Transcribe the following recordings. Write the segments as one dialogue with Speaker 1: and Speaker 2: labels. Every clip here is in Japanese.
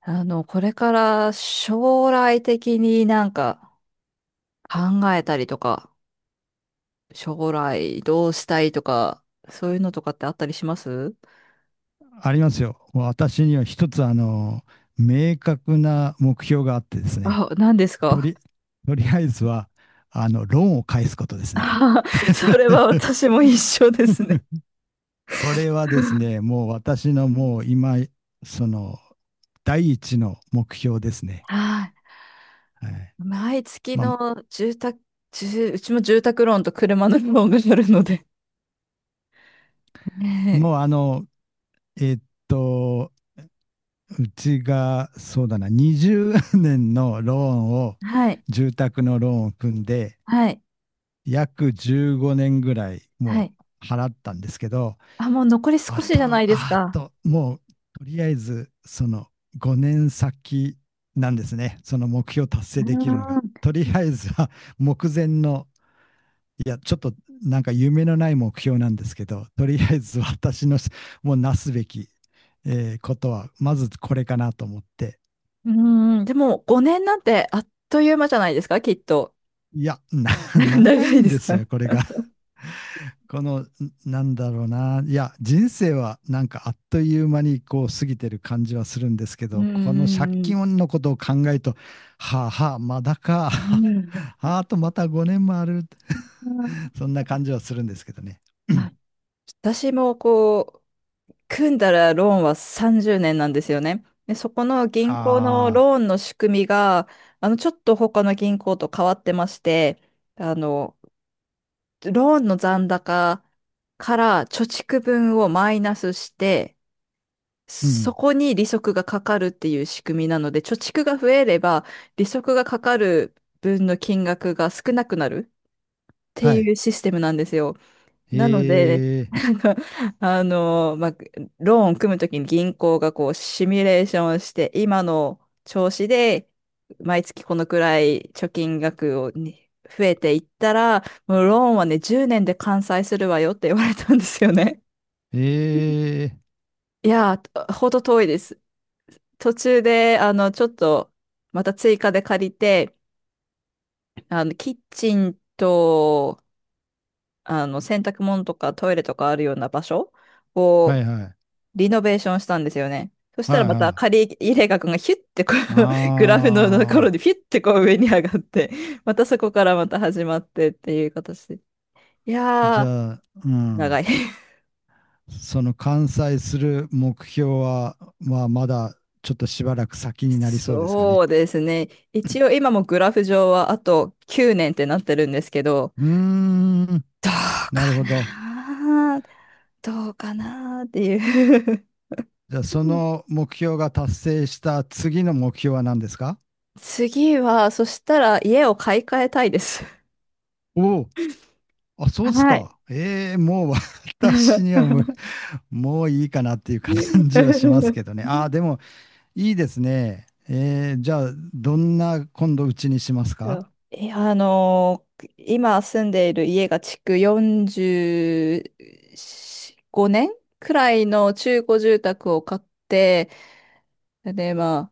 Speaker 1: これから将来的になんか考えたりとか、将来どうしたいとか、そういうのとかってあったりします
Speaker 2: ありますよ。もう私には一つ、明確な目標があってですね、
Speaker 1: あ、何です
Speaker 2: と
Speaker 1: か？
Speaker 2: り、とりあえずは、ローンを返すことですね。
Speaker 1: あ それ は私も一緒ですね。
Speaker 2: これはですね、もう私のもう今、その、第一の目標ですね。
Speaker 1: はい。
Speaker 2: はい。
Speaker 1: 毎月
Speaker 2: まあ、
Speaker 1: の住宅、うちも住宅ローンと車のローンがあるので。
Speaker 2: も
Speaker 1: ね。
Speaker 2: うあの、えーっと、うちが、そうだな、20年のローンを、
Speaker 1: はい。
Speaker 2: 住宅のローンを組んで、
Speaker 1: はい。
Speaker 2: 約15年ぐらい
Speaker 1: は
Speaker 2: も
Speaker 1: い。
Speaker 2: う払ったんですけど、
Speaker 1: あ、もう残り
Speaker 2: あ
Speaker 1: 少し
Speaker 2: と、
Speaker 1: じゃないです
Speaker 2: あ
Speaker 1: か。
Speaker 2: と、もうとりあえずその5年先なんですね。その目標達
Speaker 1: う
Speaker 2: 成できるのが。
Speaker 1: ー
Speaker 2: とりあえずは目前の、いや、ちょっとなんか夢のない目標なんですけど、とりあえず私のもうなすべき、ことは、まずこれかなと思って。
Speaker 1: ん。うーん。でも5年なんてあっという間じゃないですか、きっと。
Speaker 2: いや、 長
Speaker 1: 長
Speaker 2: い
Speaker 1: い
Speaker 2: ん
Speaker 1: で
Speaker 2: で
Speaker 1: す
Speaker 2: す
Speaker 1: か？
Speaker 2: よ、これが。この、なんだろうな。いや、人生はなんかあっという間にこう過ぎてる感じはするんですけ
Speaker 1: うん
Speaker 2: ど、この借
Speaker 1: うん
Speaker 2: 金のことを考えると、はあはあ、まだか。
Speaker 1: う ん
Speaker 2: あとまた5年もある。
Speaker 1: うん。
Speaker 2: そんな感じはするんですけどね。うん。
Speaker 1: あ、私もこう、組んだらローンは30年なんですよね。で、そこの銀行の
Speaker 2: ああ、
Speaker 1: ローンの仕組みが、ちょっと他の銀行と変わってまして、あの、ローンの残高から貯蓄分をマイナスして、
Speaker 2: う
Speaker 1: そ
Speaker 2: ん。
Speaker 1: こに利息がかかるっていう仕組みなので、貯蓄が増えれば、利息がかかる分の金額が少なくなる。て
Speaker 2: は
Speaker 1: い
Speaker 2: い。
Speaker 1: うシステムなんですよ。なので、
Speaker 2: え え、
Speaker 1: なんか、まあ、ローンを組むときに銀行がこう、シミュレーションをして、今の調子で、毎月このくらい貯金額をに増えていったら、もうローンはね、10年で完済するわよって言われたんですよね。
Speaker 2: ええ、
Speaker 1: いやー、ほど遠いです。途中で、ちょっと、また追加で借りて、キッチンと、洗濯物とかトイレとかあるような場所
Speaker 2: は
Speaker 1: を
Speaker 2: いはい。
Speaker 1: リノベーションしたんですよね。そしたら
Speaker 2: はい
Speaker 1: また
Speaker 2: はい。
Speaker 1: 借り入れ額がヒュッてこう グラフのところ
Speaker 2: あ
Speaker 1: で
Speaker 2: あ、
Speaker 1: ヒュッてこう上に上がって、またそこからまた始まってっていう形で。い
Speaker 2: じ
Speaker 1: やー、
Speaker 2: ゃあ、う
Speaker 1: 長
Speaker 2: ん。
Speaker 1: い。
Speaker 2: その完済する目標は、まあ、まだちょっとしばらく先になりそうですか
Speaker 1: そ
Speaker 2: ね。
Speaker 1: うですね。一応今もグラフ上はあと9年ってなってるんですけど、
Speaker 2: うーん、
Speaker 1: どう
Speaker 2: なる
Speaker 1: か
Speaker 2: ほど。
Speaker 1: などうかなっていう。
Speaker 2: じゃあ、そ の目標が達成した次の目標は何ですか？
Speaker 1: 次は、そしたら家を買い替えたいです。
Speaker 2: おお、あ、そうです
Speaker 1: はい。
Speaker 2: か。ええ、もう 私にはもう、もういいかなっていう感じはしますけどね。ああ、でもいいですね。ええ、じゃあ、どんな今度うちにします
Speaker 1: そ
Speaker 2: か？
Speaker 1: ういや、今住んでいる家が築45年くらいの中古住宅を買って、で、まあ、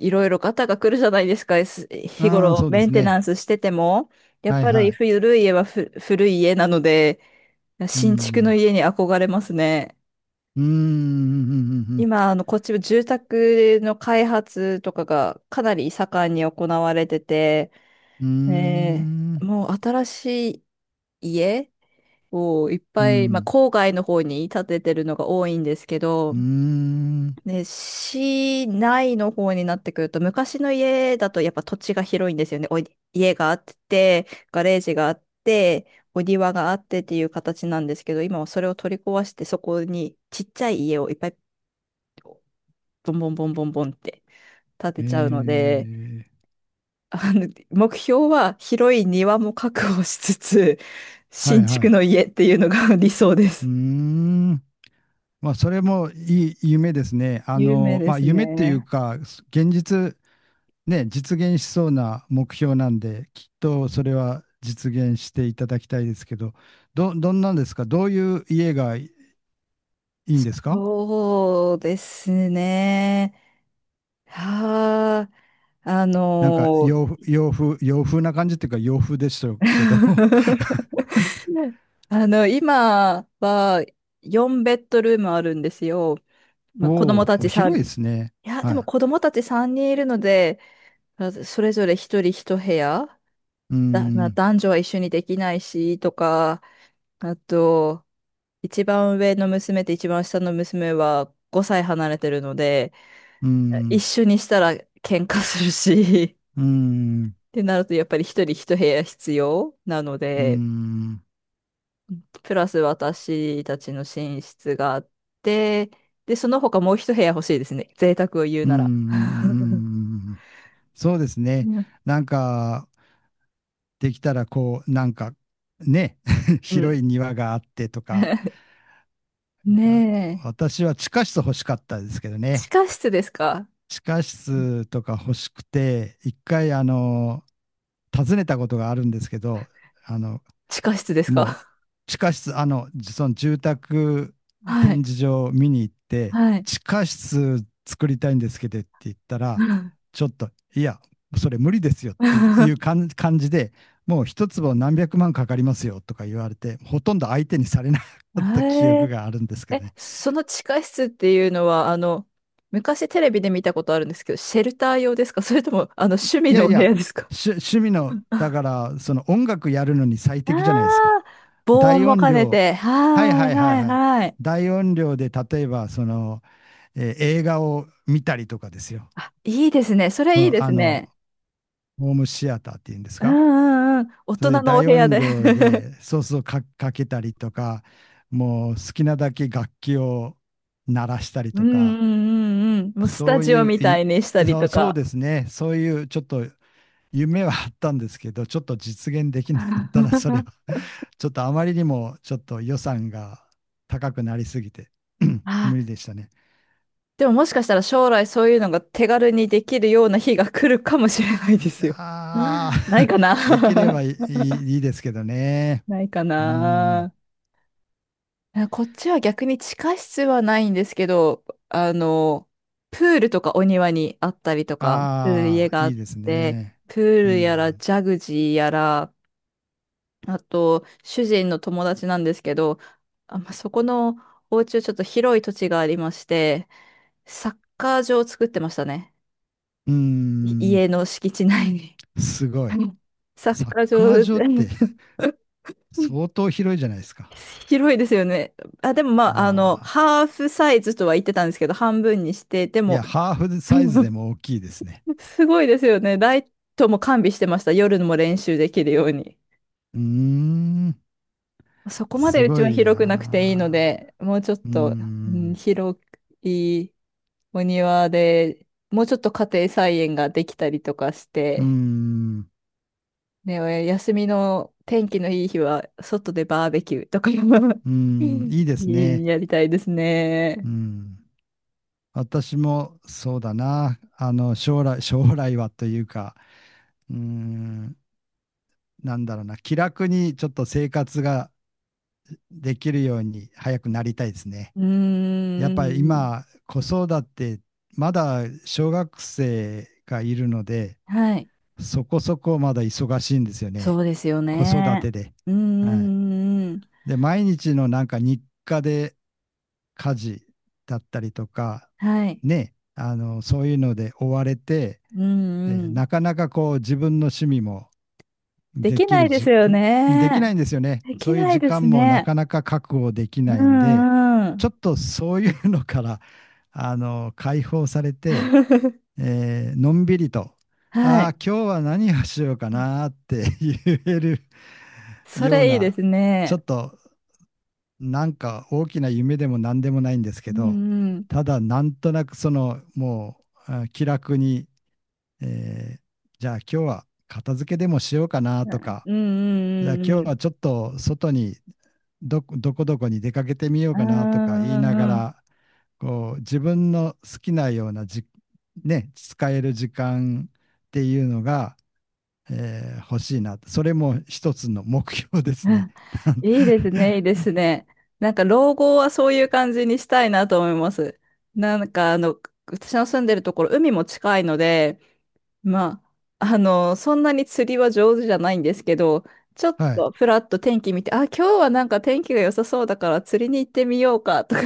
Speaker 1: いろいろガタが来るじゃないですか、
Speaker 2: う
Speaker 1: 日
Speaker 2: ーん、
Speaker 1: 頃
Speaker 2: そうで
Speaker 1: メ
Speaker 2: す
Speaker 1: ンテナ
Speaker 2: ね。
Speaker 1: ンスしてても。やっ
Speaker 2: はい
Speaker 1: ぱ
Speaker 2: は
Speaker 1: り
Speaker 2: い。
Speaker 1: 古い家は古い家なので、
Speaker 2: うー
Speaker 1: 新築の
Speaker 2: ん、
Speaker 1: 家に憧れますね。
Speaker 2: うーん、うん、うん、うん、うん、
Speaker 1: 今、こっちは住宅の開発とかがかなり盛んに行われてて、
Speaker 2: うー
Speaker 1: ねえ、
Speaker 2: ん、
Speaker 1: もう新しい家をいっ
Speaker 2: う
Speaker 1: ぱい、まあ、
Speaker 2: ん、
Speaker 1: 郊外の方に建ててるのが多いんですけ
Speaker 2: う
Speaker 1: ど、
Speaker 2: ーん、
Speaker 1: ね、市内の方になってくると、昔の家だとやっぱ土地が広いんですよね。家があって、ガレージがあって、お庭があってっていう形なんですけど、今はそれを取り壊して、そこにちっちゃい家をいっぱいボンボンボンボンボンって立
Speaker 2: え
Speaker 1: てちゃうので、
Speaker 2: ー、
Speaker 1: 目標は広い庭も確保しつつ、
Speaker 2: はい
Speaker 1: 新
Speaker 2: は
Speaker 1: 築
Speaker 2: い。
Speaker 1: の家っていうのが 理想で
Speaker 2: うー
Speaker 1: す。
Speaker 2: ん、まあ、それもいい夢ですね。
Speaker 1: 有名で
Speaker 2: まあ、
Speaker 1: す
Speaker 2: 夢っていう
Speaker 1: ね。
Speaker 2: か、現実、ね、実現しそうな目標なんで、きっとそれは実現していただきたいですけど、どんなんですか？どういう家がいいんですか
Speaker 1: そうですね。はあ、あ
Speaker 2: なんか
Speaker 1: の
Speaker 2: 洋風、
Speaker 1: ー
Speaker 2: 洋風、洋風な感じっていうか洋風でしたけど。
Speaker 1: 今は4ベッドルームあるんですよ。まあ、子供
Speaker 2: お
Speaker 1: た
Speaker 2: お、
Speaker 1: ち3
Speaker 2: 広いで
Speaker 1: 人。い
Speaker 2: すね。
Speaker 1: や、で
Speaker 2: は
Speaker 1: も
Speaker 2: い。
Speaker 1: 子供たち3人いるので、まあそれぞれ1人1部屋
Speaker 2: うー
Speaker 1: だ、まあ、
Speaker 2: ん。
Speaker 1: 男女は一緒にできないし、とか、あと、一番上の娘と一番下の娘は5歳離れてるので、
Speaker 2: うー
Speaker 1: 一
Speaker 2: ん、
Speaker 1: 緒にしたら喧嘩するし、
Speaker 2: うー
Speaker 1: っ
Speaker 2: ん、
Speaker 1: てなるとやっぱり一人一部屋必要なの
Speaker 2: うー
Speaker 1: で、
Speaker 2: ん、う
Speaker 1: プラス私たちの寝室があって、で、その他もう一部屋欲しいですね。贅沢を言う
Speaker 2: ーん、
Speaker 1: な
Speaker 2: う
Speaker 1: ら。
Speaker 2: ー ん、そうです
Speaker 1: う
Speaker 2: ね。
Speaker 1: ん
Speaker 2: なんか、できたらこう、なんか、ね、
Speaker 1: う
Speaker 2: 広
Speaker 1: ん。
Speaker 2: い庭があってとか、
Speaker 1: ね
Speaker 2: あ
Speaker 1: え。
Speaker 2: 私は地下室欲しかったですけど
Speaker 1: 地
Speaker 2: ね。
Speaker 1: 下室ですか？
Speaker 2: 地下
Speaker 1: うん。
Speaker 2: 室とか欲しくて、一回、訪ねたことがあるんですけど、あの、
Speaker 1: 地下室です
Speaker 2: もう
Speaker 1: か？
Speaker 2: 地下室、その住宅
Speaker 1: は
Speaker 2: 展
Speaker 1: い。
Speaker 2: 示場を見に行って、
Speaker 1: はい。
Speaker 2: 地下室作りたいんですけどって言ったら、ちょっと、いや、それ無理ですよっていう 感じで、もう一坪何百万かかりますよとか言われて、ほとんど相手にされなかった記憶
Speaker 1: え
Speaker 2: があるんですけ
Speaker 1: え、
Speaker 2: どね。
Speaker 1: その地下室っていうのは、昔テレビで見たことあるんですけど、シェルター用ですか？ それとも、
Speaker 2: い
Speaker 1: 趣
Speaker 2: い
Speaker 1: 味
Speaker 2: や
Speaker 1: のお
Speaker 2: い
Speaker 1: 部
Speaker 2: や、
Speaker 1: 屋ですか？
Speaker 2: 趣味の、だ
Speaker 1: あ
Speaker 2: から、その音楽やるのに最
Speaker 1: あー、
Speaker 2: 適じゃないですか。
Speaker 1: 防音
Speaker 2: 大
Speaker 1: も
Speaker 2: 音
Speaker 1: 兼ね
Speaker 2: 量、
Speaker 1: て。
Speaker 2: はい
Speaker 1: はい
Speaker 2: はいは
Speaker 1: は
Speaker 2: い
Speaker 1: い
Speaker 2: はい。
Speaker 1: はい。
Speaker 2: 大音量で、例えば、映画を見たりとかですよ。
Speaker 1: あ、いいですね。それいいで
Speaker 2: あ
Speaker 1: す
Speaker 2: の、
Speaker 1: ね。
Speaker 2: ホームシアターっていうんです
Speaker 1: う
Speaker 2: か？
Speaker 1: んうんうん。大
Speaker 2: そ
Speaker 1: 人
Speaker 2: れで
Speaker 1: のお
Speaker 2: 大
Speaker 1: 部屋
Speaker 2: 音
Speaker 1: で。
Speaker 2: 量 でソースをかけたりとか、もう好きなだけ楽器を鳴らしたり
Speaker 1: うん
Speaker 2: と
Speaker 1: う
Speaker 2: か、
Speaker 1: んうんうん。もうス
Speaker 2: そ
Speaker 1: タ
Speaker 2: う
Speaker 1: ジオ
Speaker 2: いう
Speaker 1: みた
Speaker 2: い
Speaker 1: いにしたり
Speaker 2: そ
Speaker 1: と
Speaker 2: う、そう
Speaker 1: か。
Speaker 2: ですね、そういうちょっと夢はあったんですけど、ちょっと実現できなかったな、それは。ちょっとあまりにもちょっと予算が高くなりすぎて、
Speaker 1: あ、
Speaker 2: 無理でしたね。
Speaker 1: でももしかしたら将来そういうのが手軽にできるような日が来るかもしれないで
Speaker 2: い
Speaker 1: す
Speaker 2: や
Speaker 1: よ。ない
Speaker 2: ー。
Speaker 1: かな。
Speaker 2: できればいいですけどね。
Speaker 1: ないか
Speaker 2: うん。
Speaker 1: な。いや、こっちは逆に地下室はないんですけど、あの、プールとかお庭にあったりとかする家
Speaker 2: ああ、
Speaker 1: があ
Speaker 2: い
Speaker 1: っ
Speaker 2: いです
Speaker 1: て、
Speaker 2: ね。
Speaker 1: プー
Speaker 2: う
Speaker 1: ルやら
Speaker 2: ん。
Speaker 1: ジャグジーやら、あと主人の友達なんですけど、あ、まあ、そこのお家はちょっと広い土地がありまして、サッカー場を作ってましたね。
Speaker 2: うん。
Speaker 1: 家の敷地内に。
Speaker 2: すごい。
Speaker 1: うん。サッ
Speaker 2: サッ
Speaker 1: カー
Speaker 2: カー
Speaker 1: 場
Speaker 2: 場って
Speaker 1: で。
Speaker 2: 相 当広いじゃないですか。
Speaker 1: 広いですよね。あ、でもまあ、
Speaker 2: ああ。
Speaker 1: ハーフサイズとは言ってたんですけど、半分にして、で
Speaker 2: い
Speaker 1: も、
Speaker 2: や、ハーフ
Speaker 1: う
Speaker 2: サイズで
Speaker 1: ん、
Speaker 2: も大きいですね。
Speaker 1: すごいですよね。ライトも完備してました。夜も練習できるように。
Speaker 2: うーん。
Speaker 1: そこまで
Speaker 2: す
Speaker 1: うち
Speaker 2: ご
Speaker 1: は
Speaker 2: い
Speaker 1: 広くなくていいの
Speaker 2: な
Speaker 1: で、もうちょっ
Speaker 2: ー。うー
Speaker 1: と、うん、
Speaker 2: ん。
Speaker 1: 広いお庭で、もうちょっと家庭菜園ができたりとかし
Speaker 2: うー
Speaker 1: て、
Speaker 2: ん。
Speaker 1: ね、休みの天気のいい日は、外でバーベキューとか
Speaker 2: うーん。いいです ね。
Speaker 1: やりたいです
Speaker 2: う
Speaker 1: ね。
Speaker 2: ん。私もそうだな。将来はというか、うーん、なんだろうな。気楽にちょっと生活ができるように早くなりたいですね。
Speaker 1: うー
Speaker 2: やっぱり
Speaker 1: ん。
Speaker 2: 今、子育て、まだ小学生がいるので、
Speaker 1: はい。
Speaker 2: そこそこまだ忙しいんですよ
Speaker 1: そ
Speaker 2: ね。
Speaker 1: うですよ
Speaker 2: 子育
Speaker 1: ね。
Speaker 2: てで。
Speaker 1: う
Speaker 2: はい。
Speaker 1: んんん。
Speaker 2: で、毎日のなんか日課で家事だったりとか、
Speaker 1: はい。
Speaker 2: ね、そういうので追われて、
Speaker 1: うんうん。
Speaker 2: なかなかこう自分の趣味も
Speaker 1: で
Speaker 2: で
Speaker 1: き
Speaker 2: き
Speaker 1: ない
Speaker 2: る
Speaker 1: です
Speaker 2: じ、
Speaker 1: よね。
Speaker 2: できないんですよね。
Speaker 1: で
Speaker 2: そ
Speaker 1: き
Speaker 2: ういう
Speaker 1: ない
Speaker 2: 時
Speaker 1: です
Speaker 2: 間もな
Speaker 1: ね。
Speaker 2: かなか確保でき
Speaker 1: う
Speaker 2: ないんで、
Speaker 1: んうん。
Speaker 2: ちょっとそういうのから、解放されて、のんびりと、
Speaker 1: は
Speaker 2: あ
Speaker 1: い。
Speaker 2: あ、今日は何をしようかなーって言える
Speaker 1: そ
Speaker 2: よう
Speaker 1: れいいで
Speaker 2: な、
Speaker 1: す
Speaker 2: ちょ
Speaker 1: ね。
Speaker 2: っとなんか大きな夢でも何でもないんです
Speaker 1: う
Speaker 2: けど、
Speaker 1: んうん。
Speaker 2: ただなんとなくそのもうあ気楽にえーじゃあ今日は片付けでもしようかな
Speaker 1: う
Speaker 2: と
Speaker 1: ん
Speaker 2: か、
Speaker 1: う
Speaker 2: じゃあ
Speaker 1: んうん
Speaker 2: 今
Speaker 1: う
Speaker 2: 日
Speaker 1: ん。
Speaker 2: はちょっと外にどこどこどこに出かけてみよう
Speaker 1: うん
Speaker 2: かなとか言い
Speaker 1: う
Speaker 2: なが
Speaker 1: んうん。
Speaker 2: ら、こう自分の好きなような、ね、使える時間っていうのが、欲しいな。それも一つの目標で す
Speaker 1: う
Speaker 2: ね。
Speaker 1: ん、 いいですね、いいですね。なんか老後はそういう感じにしたいなと思います。なんか私の住んでるところ、海も近いので、まあ、そんなに釣りは上手じゃないんですけど、ちょっ
Speaker 2: はい。
Speaker 1: とふらっと天気見て、あ、今日はなんか天気が良さそうだから釣りに行ってみようかとか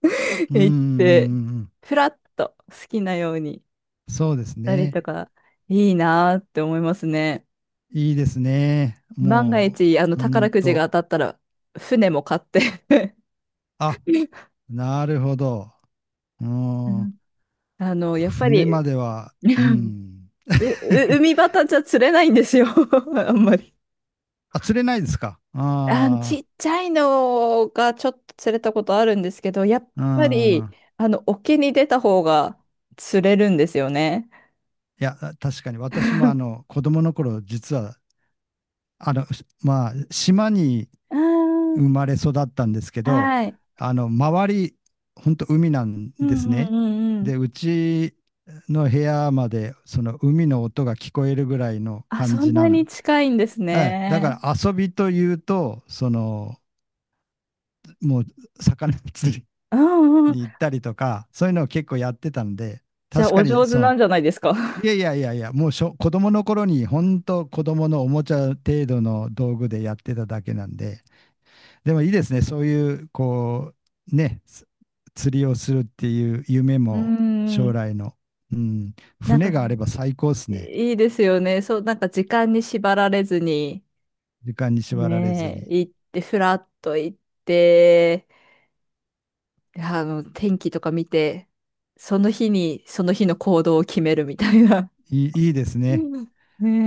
Speaker 2: うんうん
Speaker 1: 言って、
Speaker 2: うんん。
Speaker 1: ふらっと好きなようにし
Speaker 2: そうです
Speaker 1: たり
Speaker 2: ね。
Speaker 1: とか、いいなーって思いますね。
Speaker 2: いいですね。
Speaker 1: 万が
Speaker 2: も
Speaker 1: 一、
Speaker 2: う、ほ
Speaker 1: 宝
Speaker 2: ん
Speaker 1: くじが
Speaker 2: と。
Speaker 1: 当たったら、船も買って。
Speaker 2: あ、なるほど。う
Speaker 1: う
Speaker 2: ん。
Speaker 1: ん。やっぱ
Speaker 2: 船
Speaker 1: り、
Speaker 2: までは、
Speaker 1: う
Speaker 2: う
Speaker 1: ん、
Speaker 2: ん。
Speaker 1: う、海端じゃ釣れないんですよ。 あんまり。
Speaker 2: あ、釣れないですか
Speaker 1: あ、ち
Speaker 2: あ。
Speaker 1: っちゃいのがちょっと釣れたことあるんですけど、やっ
Speaker 2: あ、う
Speaker 1: ぱり、
Speaker 2: ん。
Speaker 1: 沖に出た方が釣れるんですよね。
Speaker 2: いや、確かに私もあの、子供の頃、実は、あの、まあ、島に
Speaker 1: う
Speaker 2: 生
Speaker 1: ん、
Speaker 2: まれ育ったんですけど、
Speaker 1: はい。
Speaker 2: あの、周り、本当海なん
Speaker 1: う
Speaker 2: です
Speaker 1: んうん
Speaker 2: ね。
Speaker 1: うんうん。
Speaker 2: で、うちの部屋まで、その海の音が聞こえるぐらいの
Speaker 1: あ、
Speaker 2: 感
Speaker 1: そん
Speaker 2: じ
Speaker 1: な
Speaker 2: な
Speaker 1: に
Speaker 2: ん。
Speaker 1: 近いんです
Speaker 2: はい。だか
Speaker 1: ね。
Speaker 2: ら遊びというと、もう魚釣り
Speaker 1: うんうん。
Speaker 2: に行ったりとか、そういうのを結構やってたんで、
Speaker 1: じゃあ、
Speaker 2: 確か
Speaker 1: お
Speaker 2: に
Speaker 1: 上手
Speaker 2: そ
Speaker 1: な
Speaker 2: の、
Speaker 1: んじゃないですか。
Speaker 2: いやいや、もう子供の頃に本当子供のおもちゃ程度の道具でやってただけなんで、でもいいですね、そういうこう、ね、釣りをするっていう夢
Speaker 1: ん
Speaker 2: も
Speaker 1: う
Speaker 2: 将
Speaker 1: ん。
Speaker 2: 来の、うん、
Speaker 1: なんか、
Speaker 2: 船があれば最高ですね。
Speaker 1: いいですよね。そう、なんか時間に縛られずに、
Speaker 2: 時間に縛られず
Speaker 1: ね
Speaker 2: に。
Speaker 1: え、行って、ふらっと行って、で天気とか見て、その日に、その日の行動を決めるみたいな。
Speaker 2: いいです
Speaker 1: う
Speaker 2: ね。
Speaker 1: ん、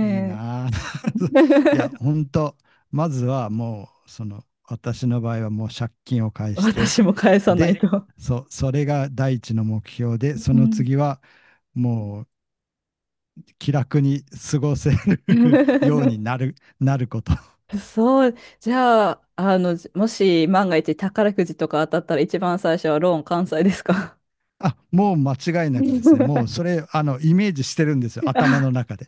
Speaker 2: いいなあ。
Speaker 1: え。
Speaker 2: いや、本当まずはもう、その、私の場合はもう借金を返して、
Speaker 1: 私も返さない
Speaker 2: で、
Speaker 1: と。
Speaker 2: それが第一の目標で、そ
Speaker 1: う
Speaker 2: の
Speaker 1: ん
Speaker 2: 次はもう気楽に過ごせる ようになること。
Speaker 1: そう、じゃあ、もし万が一宝くじとか当たったら一番最初はローン完済ですか？
Speaker 2: あ、もう間違いなくですね。もう それ、あの、イメージしてるんですよ。頭
Speaker 1: あ、
Speaker 2: の中で。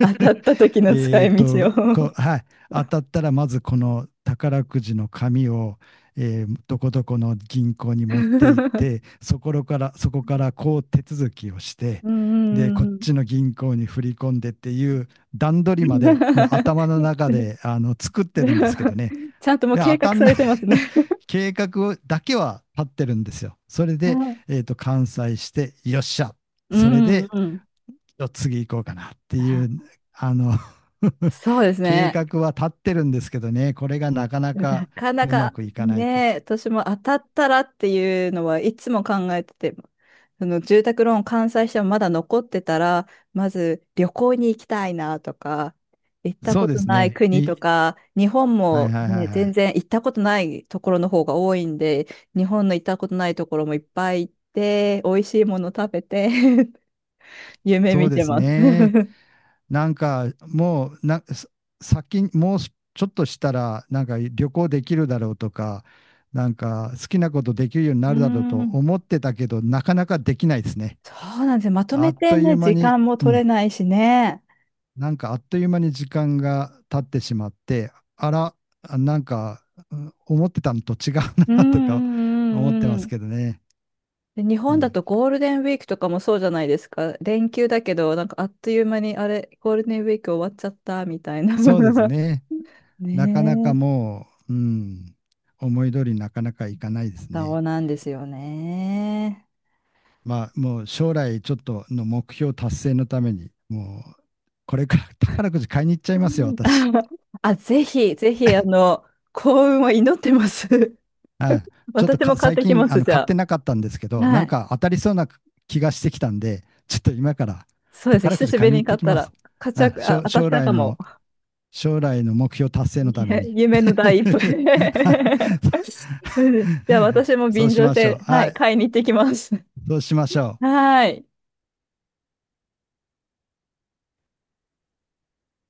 Speaker 1: 当たった時の使
Speaker 2: えー
Speaker 1: い道
Speaker 2: と、
Speaker 1: を。
Speaker 2: こう、はい。当たったら、まずこの宝くじの紙を、えーどこどこの銀行に持って行って、そこからこう手続きをして、
Speaker 1: うん
Speaker 2: で、
Speaker 1: う
Speaker 2: こ
Speaker 1: ん
Speaker 2: っ
Speaker 1: うん
Speaker 2: ちの銀行に振り込んでっていう段取り
Speaker 1: う
Speaker 2: ま
Speaker 1: ん。
Speaker 2: で、もう頭の中で、あの、作ってるんですけどね。
Speaker 1: ちゃんともう
Speaker 2: で、
Speaker 1: 計
Speaker 2: 当た
Speaker 1: 画
Speaker 2: ん
Speaker 1: さ
Speaker 2: な
Speaker 1: れ
Speaker 2: い
Speaker 1: てますね。
Speaker 2: 計画をだけは立ってるんですよ。それ
Speaker 1: う
Speaker 2: で、
Speaker 1: ん
Speaker 2: えーと、完済して、よっしゃ。
Speaker 1: う
Speaker 2: それ
Speaker 1: ん
Speaker 2: で、
Speaker 1: うん。
Speaker 2: 次行こうかなってい
Speaker 1: あ、
Speaker 2: う、あの、
Speaker 1: そうです
Speaker 2: 計
Speaker 1: ね。
Speaker 2: 画は立ってるんですけどね、これがなかな
Speaker 1: な
Speaker 2: か
Speaker 1: かな
Speaker 2: うま
Speaker 1: か
Speaker 2: くいかないって。
Speaker 1: ね、私も当たったらっていうのはいつも考えてて、その住宅ローン完済してもまだ残ってたら、まず旅行に行きたいなとか、行った
Speaker 2: そ
Speaker 1: こ
Speaker 2: うで
Speaker 1: と
Speaker 2: す
Speaker 1: ない
Speaker 2: ね。
Speaker 1: 国とか、日本
Speaker 2: はい
Speaker 1: も、
Speaker 2: はいはい
Speaker 1: ね、
Speaker 2: は
Speaker 1: 全
Speaker 2: い。
Speaker 1: 然行ったことないところの方が多いんで、日本の行ったことないところもいっぱい行って、美味しいもの食べて。 夢
Speaker 2: そう
Speaker 1: 見
Speaker 2: で
Speaker 1: て
Speaker 2: す
Speaker 1: ます。
Speaker 2: ね。
Speaker 1: う
Speaker 2: なんかもうな、さ先に、もうちょっとしたら、なんか旅行できるだろうとか、なんか好きなことできるように
Speaker 1: ー
Speaker 2: なるだろうと
Speaker 1: ん、
Speaker 2: 思ってたけど、なかなかできないですね。
Speaker 1: そうなんですよ。まと
Speaker 2: あ
Speaker 1: め
Speaker 2: っ
Speaker 1: て
Speaker 2: とい
Speaker 1: ね、
Speaker 2: う間
Speaker 1: 時
Speaker 2: に、
Speaker 1: 間も
Speaker 2: う
Speaker 1: 取れ
Speaker 2: ん、
Speaker 1: ないしね。
Speaker 2: なんかあっという間に時間が経ってしまって、あら、なんか、うん、思ってたのと違う
Speaker 1: うんう
Speaker 2: な とか
Speaker 1: ん
Speaker 2: 思って
Speaker 1: う
Speaker 2: ま
Speaker 1: んう
Speaker 2: す
Speaker 1: ん。
Speaker 2: けどね。
Speaker 1: で、日
Speaker 2: う
Speaker 1: 本だ
Speaker 2: ん。
Speaker 1: とゴールデンウィークとかもそうじゃないですか。連休だけど、なんかあっという間に、あれ、ゴールデンウィーク終わっちゃったみたいな。
Speaker 2: そうです ね。なかな
Speaker 1: ね
Speaker 2: か
Speaker 1: え、
Speaker 2: もう、うん、思い通りになかなかいかないです
Speaker 1: そ
Speaker 2: ね。
Speaker 1: うなんですよね。
Speaker 2: まあ、もう将来ちょっとの目標達成のために、もう、これから宝くじ買いに行っちゃ
Speaker 1: う
Speaker 2: いますよ、
Speaker 1: ん
Speaker 2: 私。
Speaker 1: あ、ぜひ、ぜひ、幸運を祈ってます。
Speaker 2: ちょっと
Speaker 1: 私も
Speaker 2: か
Speaker 1: 買っ
Speaker 2: 最
Speaker 1: てき
Speaker 2: 近
Speaker 1: ま
Speaker 2: あ
Speaker 1: す、
Speaker 2: の
Speaker 1: じ
Speaker 2: 買って
Speaker 1: ゃ
Speaker 2: なかったんですけ
Speaker 1: あ。
Speaker 2: ど、な
Speaker 1: は
Speaker 2: ん
Speaker 1: い。
Speaker 2: か当たりそうな気がしてきたんで、ちょっと今から
Speaker 1: そうですね、
Speaker 2: 宝く
Speaker 1: 久
Speaker 2: じ
Speaker 1: しぶ
Speaker 2: 買
Speaker 1: り
Speaker 2: いに
Speaker 1: に
Speaker 2: 行っ
Speaker 1: 買
Speaker 2: て
Speaker 1: っ
Speaker 2: き
Speaker 1: た
Speaker 2: ま
Speaker 1: ら、
Speaker 2: す。
Speaker 1: 買っち
Speaker 2: は
Speaker 1: ゃう、
Speaker 2: い、
Speaker 1: あ、当たっちゃうかも。
Speaker 2: 将来の目標達 成
Speaker 1: い
Speaker 2: のため
Speaker 1: や、
Speaker 2: に。
Speaker 1: 夢 の第一歩。うん、じゃあ私も
Speaker 2: そう
Speaker 1: 便
Speaker 2: し
Speaker 1: 乗し
Speaker 2: ましょう。
Speaker 1: て、は
Speaker 2: は
Speaker 1: い、
Speaker 2: い、
Speaker 1: 買いに行ってきます。
Speaker 2: そうしましょう。
Speaker 1: はい。